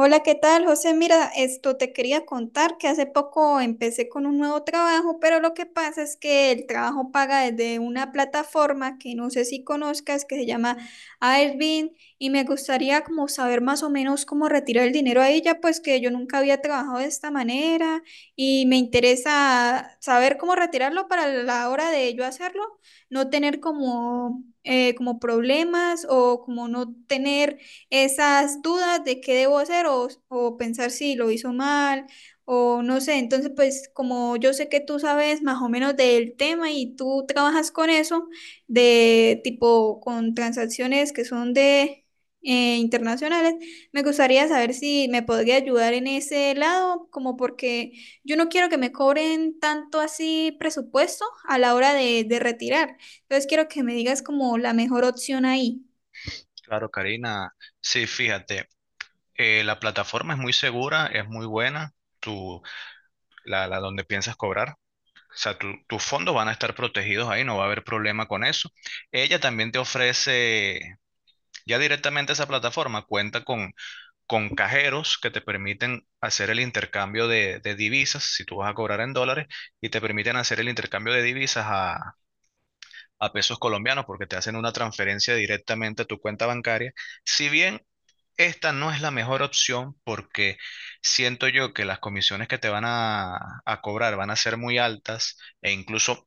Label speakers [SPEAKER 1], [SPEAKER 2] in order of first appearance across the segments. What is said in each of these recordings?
[SPEAKER 1] Hola, ¿qué tal, José? Mira, esto te quería contar que hace poco empecé con un nuevo trabajo, pero lo que pasa es que el trabajo paga desde una plataforma que no sé si conozcas, que se llama Airbnb, y me gustaría como saber más o menos cómo retirar el dinero a ella, pues que yo nunca había trabajado de esta manera y me interesa saber cómo retirarlo para la hora de yo hacerlo, no tener como problemas o como no tener esas dudas de qué debo hacer o pensar si lo hizo mal o no sé. Entonces, pues como yo sé que tú sabes más o menos del tema y tú trabajas con eso, de tipo con transacciones que son de internacionales, me gustaría saber si me podría ayudar en ese lado, como porque yo no quiero que me cobren tanto así presupuesto a la hora de retirar. Entonces quiero que me digas como la mejor opción ahí.
[SPEAKER 2] Claro, Karina. Sí, fíjate, la plataforma es muy segura, es muy buena. tú, la donde piensas cobrar. O sea, tus fondos van a estar protegidos ahí, no va a haber problema con eso. Ella también te ofrece, ya directamente esa plataforma cuenta con cajeros que te permiten hacer el intercambio de divisas, si tú vas a cobrar en dólares, y te permiten hacer el intercambio de divisas a pesos colombianos, porque te hacen una transferencia directamente a tu cuenta bancaria. Si bien, esta no es la mejor opción, porque siento yo que las comisiones que te van a cobrar van a ser muy altas, e incluso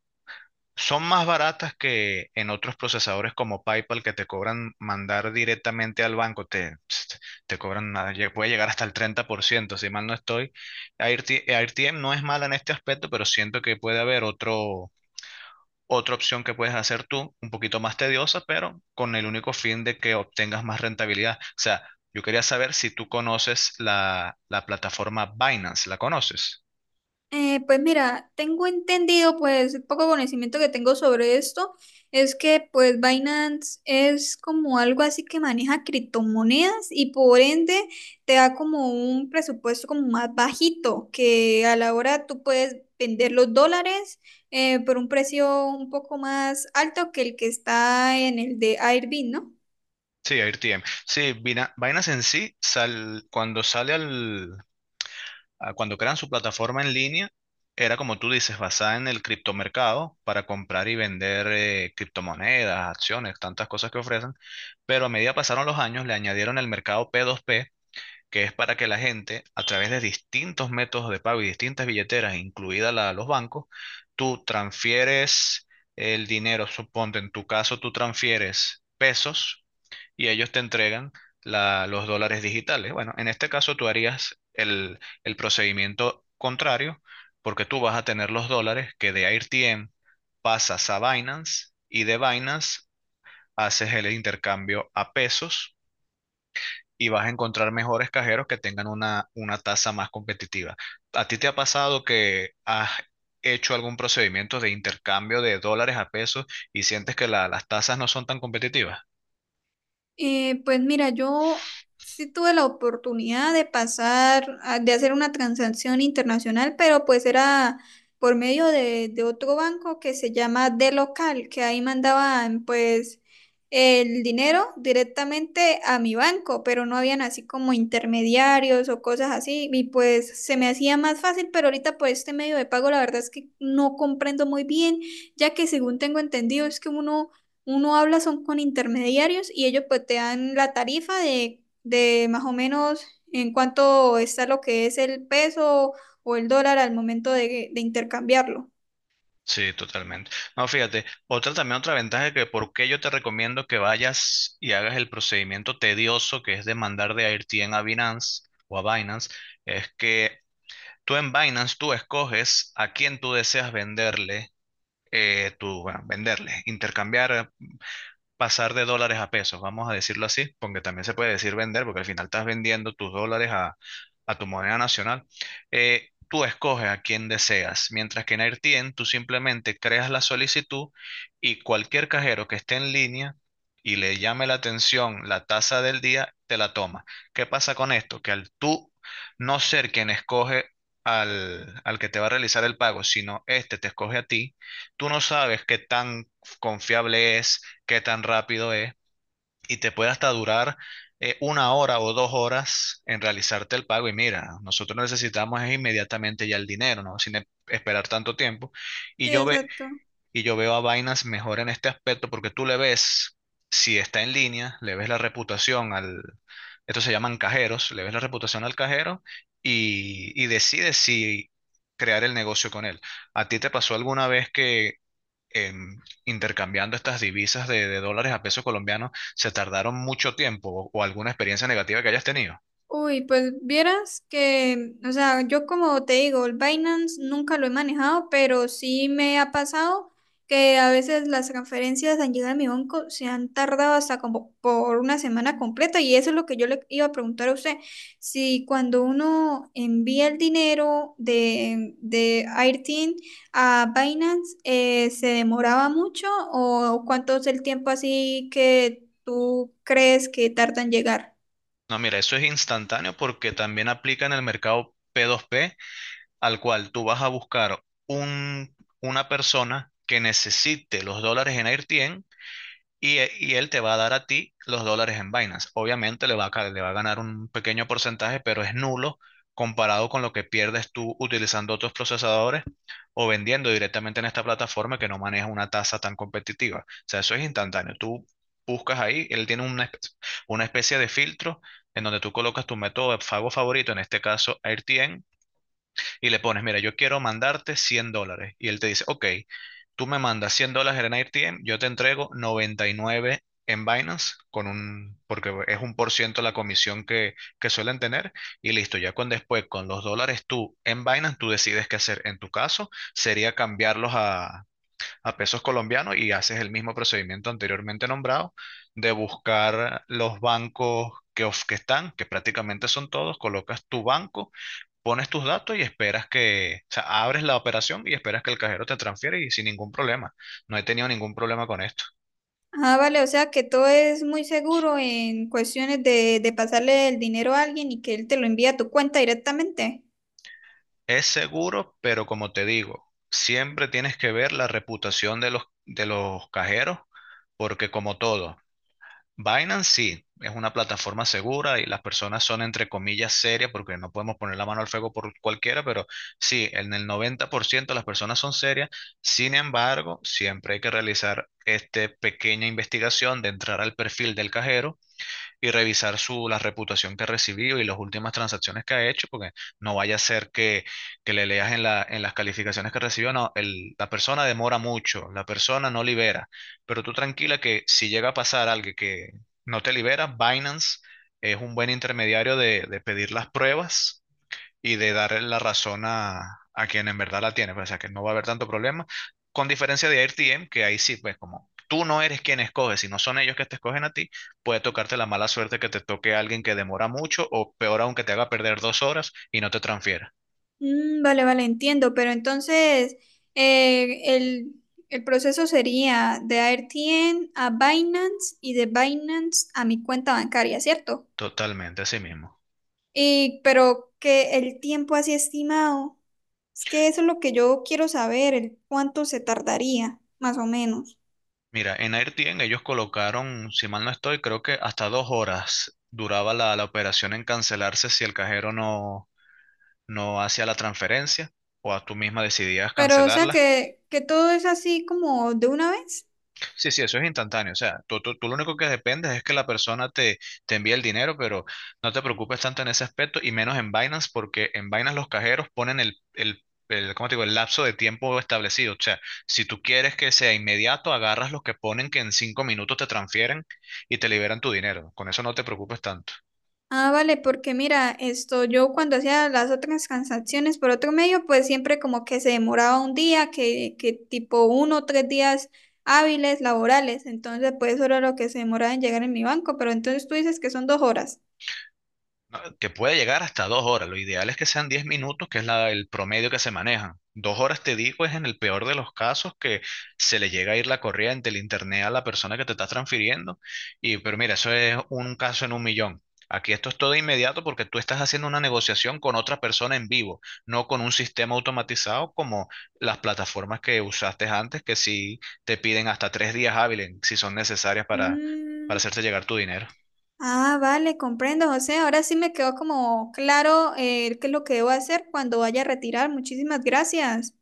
[SPEAKER 2] son más baratas que en otros procesadores como PayPal, que te cobran mandar directamente al banco. Te cobran, nada, puede llegar hasta el 30%, si mal no estoy. AirTM no es mala en este aspecto, pero siento que puede haber otra opción que puedes hacer tú, un poquito más tediosa, pero con el único fin de que obtengas más rentabilidad. O sea, yo quería saber si tú conoces la plataforma Binance. ¿La conoces?
[SPEAKER 1] Pues mira, tengo entendido, pues el poco conocimiento que tengo sobre esto es que pues Binance es como algo así que maneja criptomonedas y por ende te da como un presupuesto como más bajito, que a la hora tú puedes vender los dólares por un precio un poco más alto que el que está en el de Airbnb, ¿no?
[SPEAKER 2] Sí, AirTM. Sí, Binance en sí, sal- cuando sale al, a- cuando crean su plataforma en línea, era como tú dices, basada en el criptomercado para comprar y vender, criptomonedas, acciones, tantas cosas que ofrecen. Pero a medida pasaron los años, le añadieron el mercado P2P, que es para que la gente, a través de distintos métodos de pago y distintas billeteras, incluida la de los bancos, tú transfieres el dinero. Suponte, en tu caso tú transfieres pesos y ellos te entregan los dólares digitales. Bueno, en este caso tú harías el procedimiento contrario, porque tú vas a tener los dólares que de AirTM pasas a Binance, y de Binance haces el intercambio a pesos, y vas a encontrar mejores cajeros que tengan una tasa más competitiva. ¿A ti te ha pasado que has hecho algún procedimiento de intercambio de dólares a pesos y sientes que las tasas no son tan competitivas?
[SPEAKER 1] Pues mira, yo sí tuve la oportunidad de pasar, de hacer una transacción internacional, pero pues era por medio de otro banco que se llama De Local, que ahí mandaban pues el dinero directamente a mi banco, pero no habían así como intermediarios o cosas así, y pues se me hacía más fácil, pero ahorita por este medio de pago la verdad es que no comprendo muy bien, ya que según tengo entendido es que uno habla son con intermediarios y ellos pues te dan la tarifa de más o menos en cuánto está lo que es el peso o el dólar al momento de intercambiarlo.
[SPEAKER 2] Sí, totalmente. No, fíjate, otra también otra ventaja, que por qué yo te recomiendo que vayas y hagas el procedimiento tedioso, que es de mandar de AirTM a Binance, o a Binance, es que tú en Binance tú escoges a quién tú deseas venderle, bueno, venderle, intercambiar, pasar de dólares a pesos, vamos a decirlo así, porque también se puede decir vender, porque al final estás vendiendo tus dólares a tu moneda nacional. Tú escoges a quien deseas, mientras que en AirTien tú simplemente creas la solicitud, y cualquier cajero que esté en línea y le llame la atención la tasa del día, te la toma. ¿Qué pasa con esto? Que al tú no ser quien escoge al que te va a realizar el pago, sino este te escoge a ti, tú no sabes qué tan confiable es, qué tan rápido es, y te puede hasta durar, 1 hora o 2 horas en realizarte el pago. Y mira, nosotros necesitamos es inmediatamente ya el dinero, ¿no? Sin esperar tanto tiempo. Y
[SPEAKER 1] Sí,
[SPEAKER 2] yo, ve,
[SPEAKER 1] exacto.
[SPEAKER 2] y yo veo a Binance mejor en este aspecto, porque tú le ves, si está en línea, le ves la reputación esto se llaman cajeros, le ves la reputación al cajero y decides si crear el negocio con él. ¿A ti te pasó alguna vez que, intercambiando estas divisas de dólares a pesos colombianos, se tardaron mucho tiempo, o alguna experiencia negativa que hayas tenido?
[SPEAKER 1] Uy, pues vieras que, o sea, yo como te digo, el Binance nunca lo he manejado, pero sí me ha pasado que a veces las transferencias han llegado a mi banco, se han tardado hasta como por una semana completa y eso es lo que yo le iba a preguntar a usted, si cuando uno envía el dinero de Airteen a Binance, ¿se demoraba mucho o cuánto es el tiempo así que tú crees que tarda en llegar?
[SPEAKER 2] No, mira, eso es instantáneo, porque también aplica en el mercado P2P, al cual tú vas a buscar un, una persona que necesite los dólares en AirTien, y él te va a dar a ti los dólares en Binance. Obviamente le va a ganar un pequeño porcentaje, pero es nulo comparado con lo que pierdes tú utilizando otros procesadores, o vendiendo directamente en esta plataforma que no maneja una tasa tan competitiva. O sea, eso es instantáneo. Tú buscas ahí, él tiene una especie, de filtro en donde tú colocas tu método de pago favorito, en este caso AirTM, y le pones, mira, yo quiero mandarte $100. Y él te dice, ok, tú me mandas $100 en ARTM, yo te entrego 99 en Binance, porque es 1% la comisión que suelen tener. Y listo, ya con los dólares tú en Binance, tú decides qué hacer. En tu caso, sería cambiarlos a pesos colombianos, y haces el mismo procedimiento anteriormente nombrado, de buscar los bancos que están, que prácticamente son todos, colocas tu banco, pones tus datos y esperas o sea, abres la operación y esperas que el cajero te transfiera, y sin ningún problema. No he tenido ningún problema con esto.
[SPEAKER 1] Ah, vale, o sea que todo es muy seguro en cuestiones de pasarle el dinero a alguien y que él te lo envía a tu cuenta directamente.
[SPEAKER 2] Es seguro, pero como te digo, siempre tienes que ver la reputación de los cajeros, porque, como todo, Binance sí es una plataforma segura, y las personas son entre comillas serias, porque no podemos poner la mano al fuego por cualquiera, pero sí, en el 90% las personas son serias. Sin embargo, siempre hay que realizar esta pequeña investigación de entrar al perfil del cajero y revisar la reputación que ha recibido y las últimas transacciones que ha hecho, porque no vaya a ser que le leas en las calificaciones que recibió, no, la persona demora mucho, la persona no libera. Pero tú tranquila, que si llega a pasar algo que no te libera, Binance es un buen intermediario de pedir las pruebas y de dar la razón a quien en verdad la tiene, pues, o sea que no va a haber tanto problema, con diferencia de AirTM, que ahí sí, pues como tú no eres quien escoge, si no son ellos que te escogen a ti, puede tocarte la mala suerte que te toque a alguien que demora mucho, o peor aún, que te haga perder 2 horas y no te transfiera.
[SPEAKER 1] Mm, vale, vale, entiendo, pero entonces eh, el, el proceso sería de AirTN a Binance y de Binance a mi cuenta bancaria, ¿cierto?
[SPEAKER 2] Totalmente, así mismo.
[SPEAKER 1] Y, pero que el tiempo así estimado, es que eso es lo que yo quiero saber, el cuánto se tardaría, más o menos.
[SPEAKER 2] Mira, en AirTM ellos colocaron, si mal no estoy, creo que hasta 2 horas duraba la operación en cancelarse, si el cajero no hacía la transferencia, o a tú misma decidías
[SPEAKER 1] Pero, o sea
[SPEAKER 2] cancelarla.
[SPEAKER 1] que todo es así como de una vez.
[SPEAKER 2] Sí, sí, eso es instantáneo. O sea, tú lo único que dependes es que la persona te envíe el dinero, pero no te preocupes tanto en ese aspecto, y menos en Binance, porque en Binance los cajeros ponen ¿cómo te digo? El lapso de tiempo establecido. O sea, si tú quieres que sea inmediato, agarras los que ponen que en 5 minutos te transfieren y te liberan tu dinero. Con eso no te preocupes tanto.
[SPEAKER 1] Ah, vale, porque mira, esto yo cuando hacía las otras transacciones por otro medio, pues siempre como que se demoraba un día, que tipo 1 o 3 días hábiles laborales, entonces pues eso era lo que se demoraba en llegar en mi banco, pero entonces tú dices que son 2 horas.
[SPEAKER 2] No, que puede llegar hasta 2 horas. Lo ideal es que sean 10 minutos, que es el promedio que se maneja. 2 horas, te digo, es en el peor de los casos, que se le llega a ir la corriente, el internet, a la persona que te está transfiriendo. Pero mira, eso es un caso en un millón. Aquí esto es todo inmediato, porque tú estás haciendo una negociación con otra persona en vivo, no con un sistema automatizado como las plataformas que usaste antes, que sí te piden hasta 3 días hábiles, si son necesarias para
[SPEAKER 1] Mm,
[SPEAKER 2] hacerte llegar tu dinero.
[SPEAKER 1] ah, vale, comprendo, José, ahora sí me quedó como claro qué es lo que debo hacer cuando vaya a retirar, muchísimas gracias.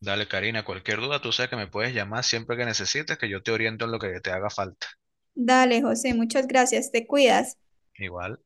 [SPEAKER 2] Dale, Karina, cualquier duda, tú sabes que me puedes llamar siempre que necesites, que yo te oriento en lo que te haga falta.
[SPEAKER 1] Dale, José, muchas gracias, te cuidas.
[SPEAKER 2] Igual.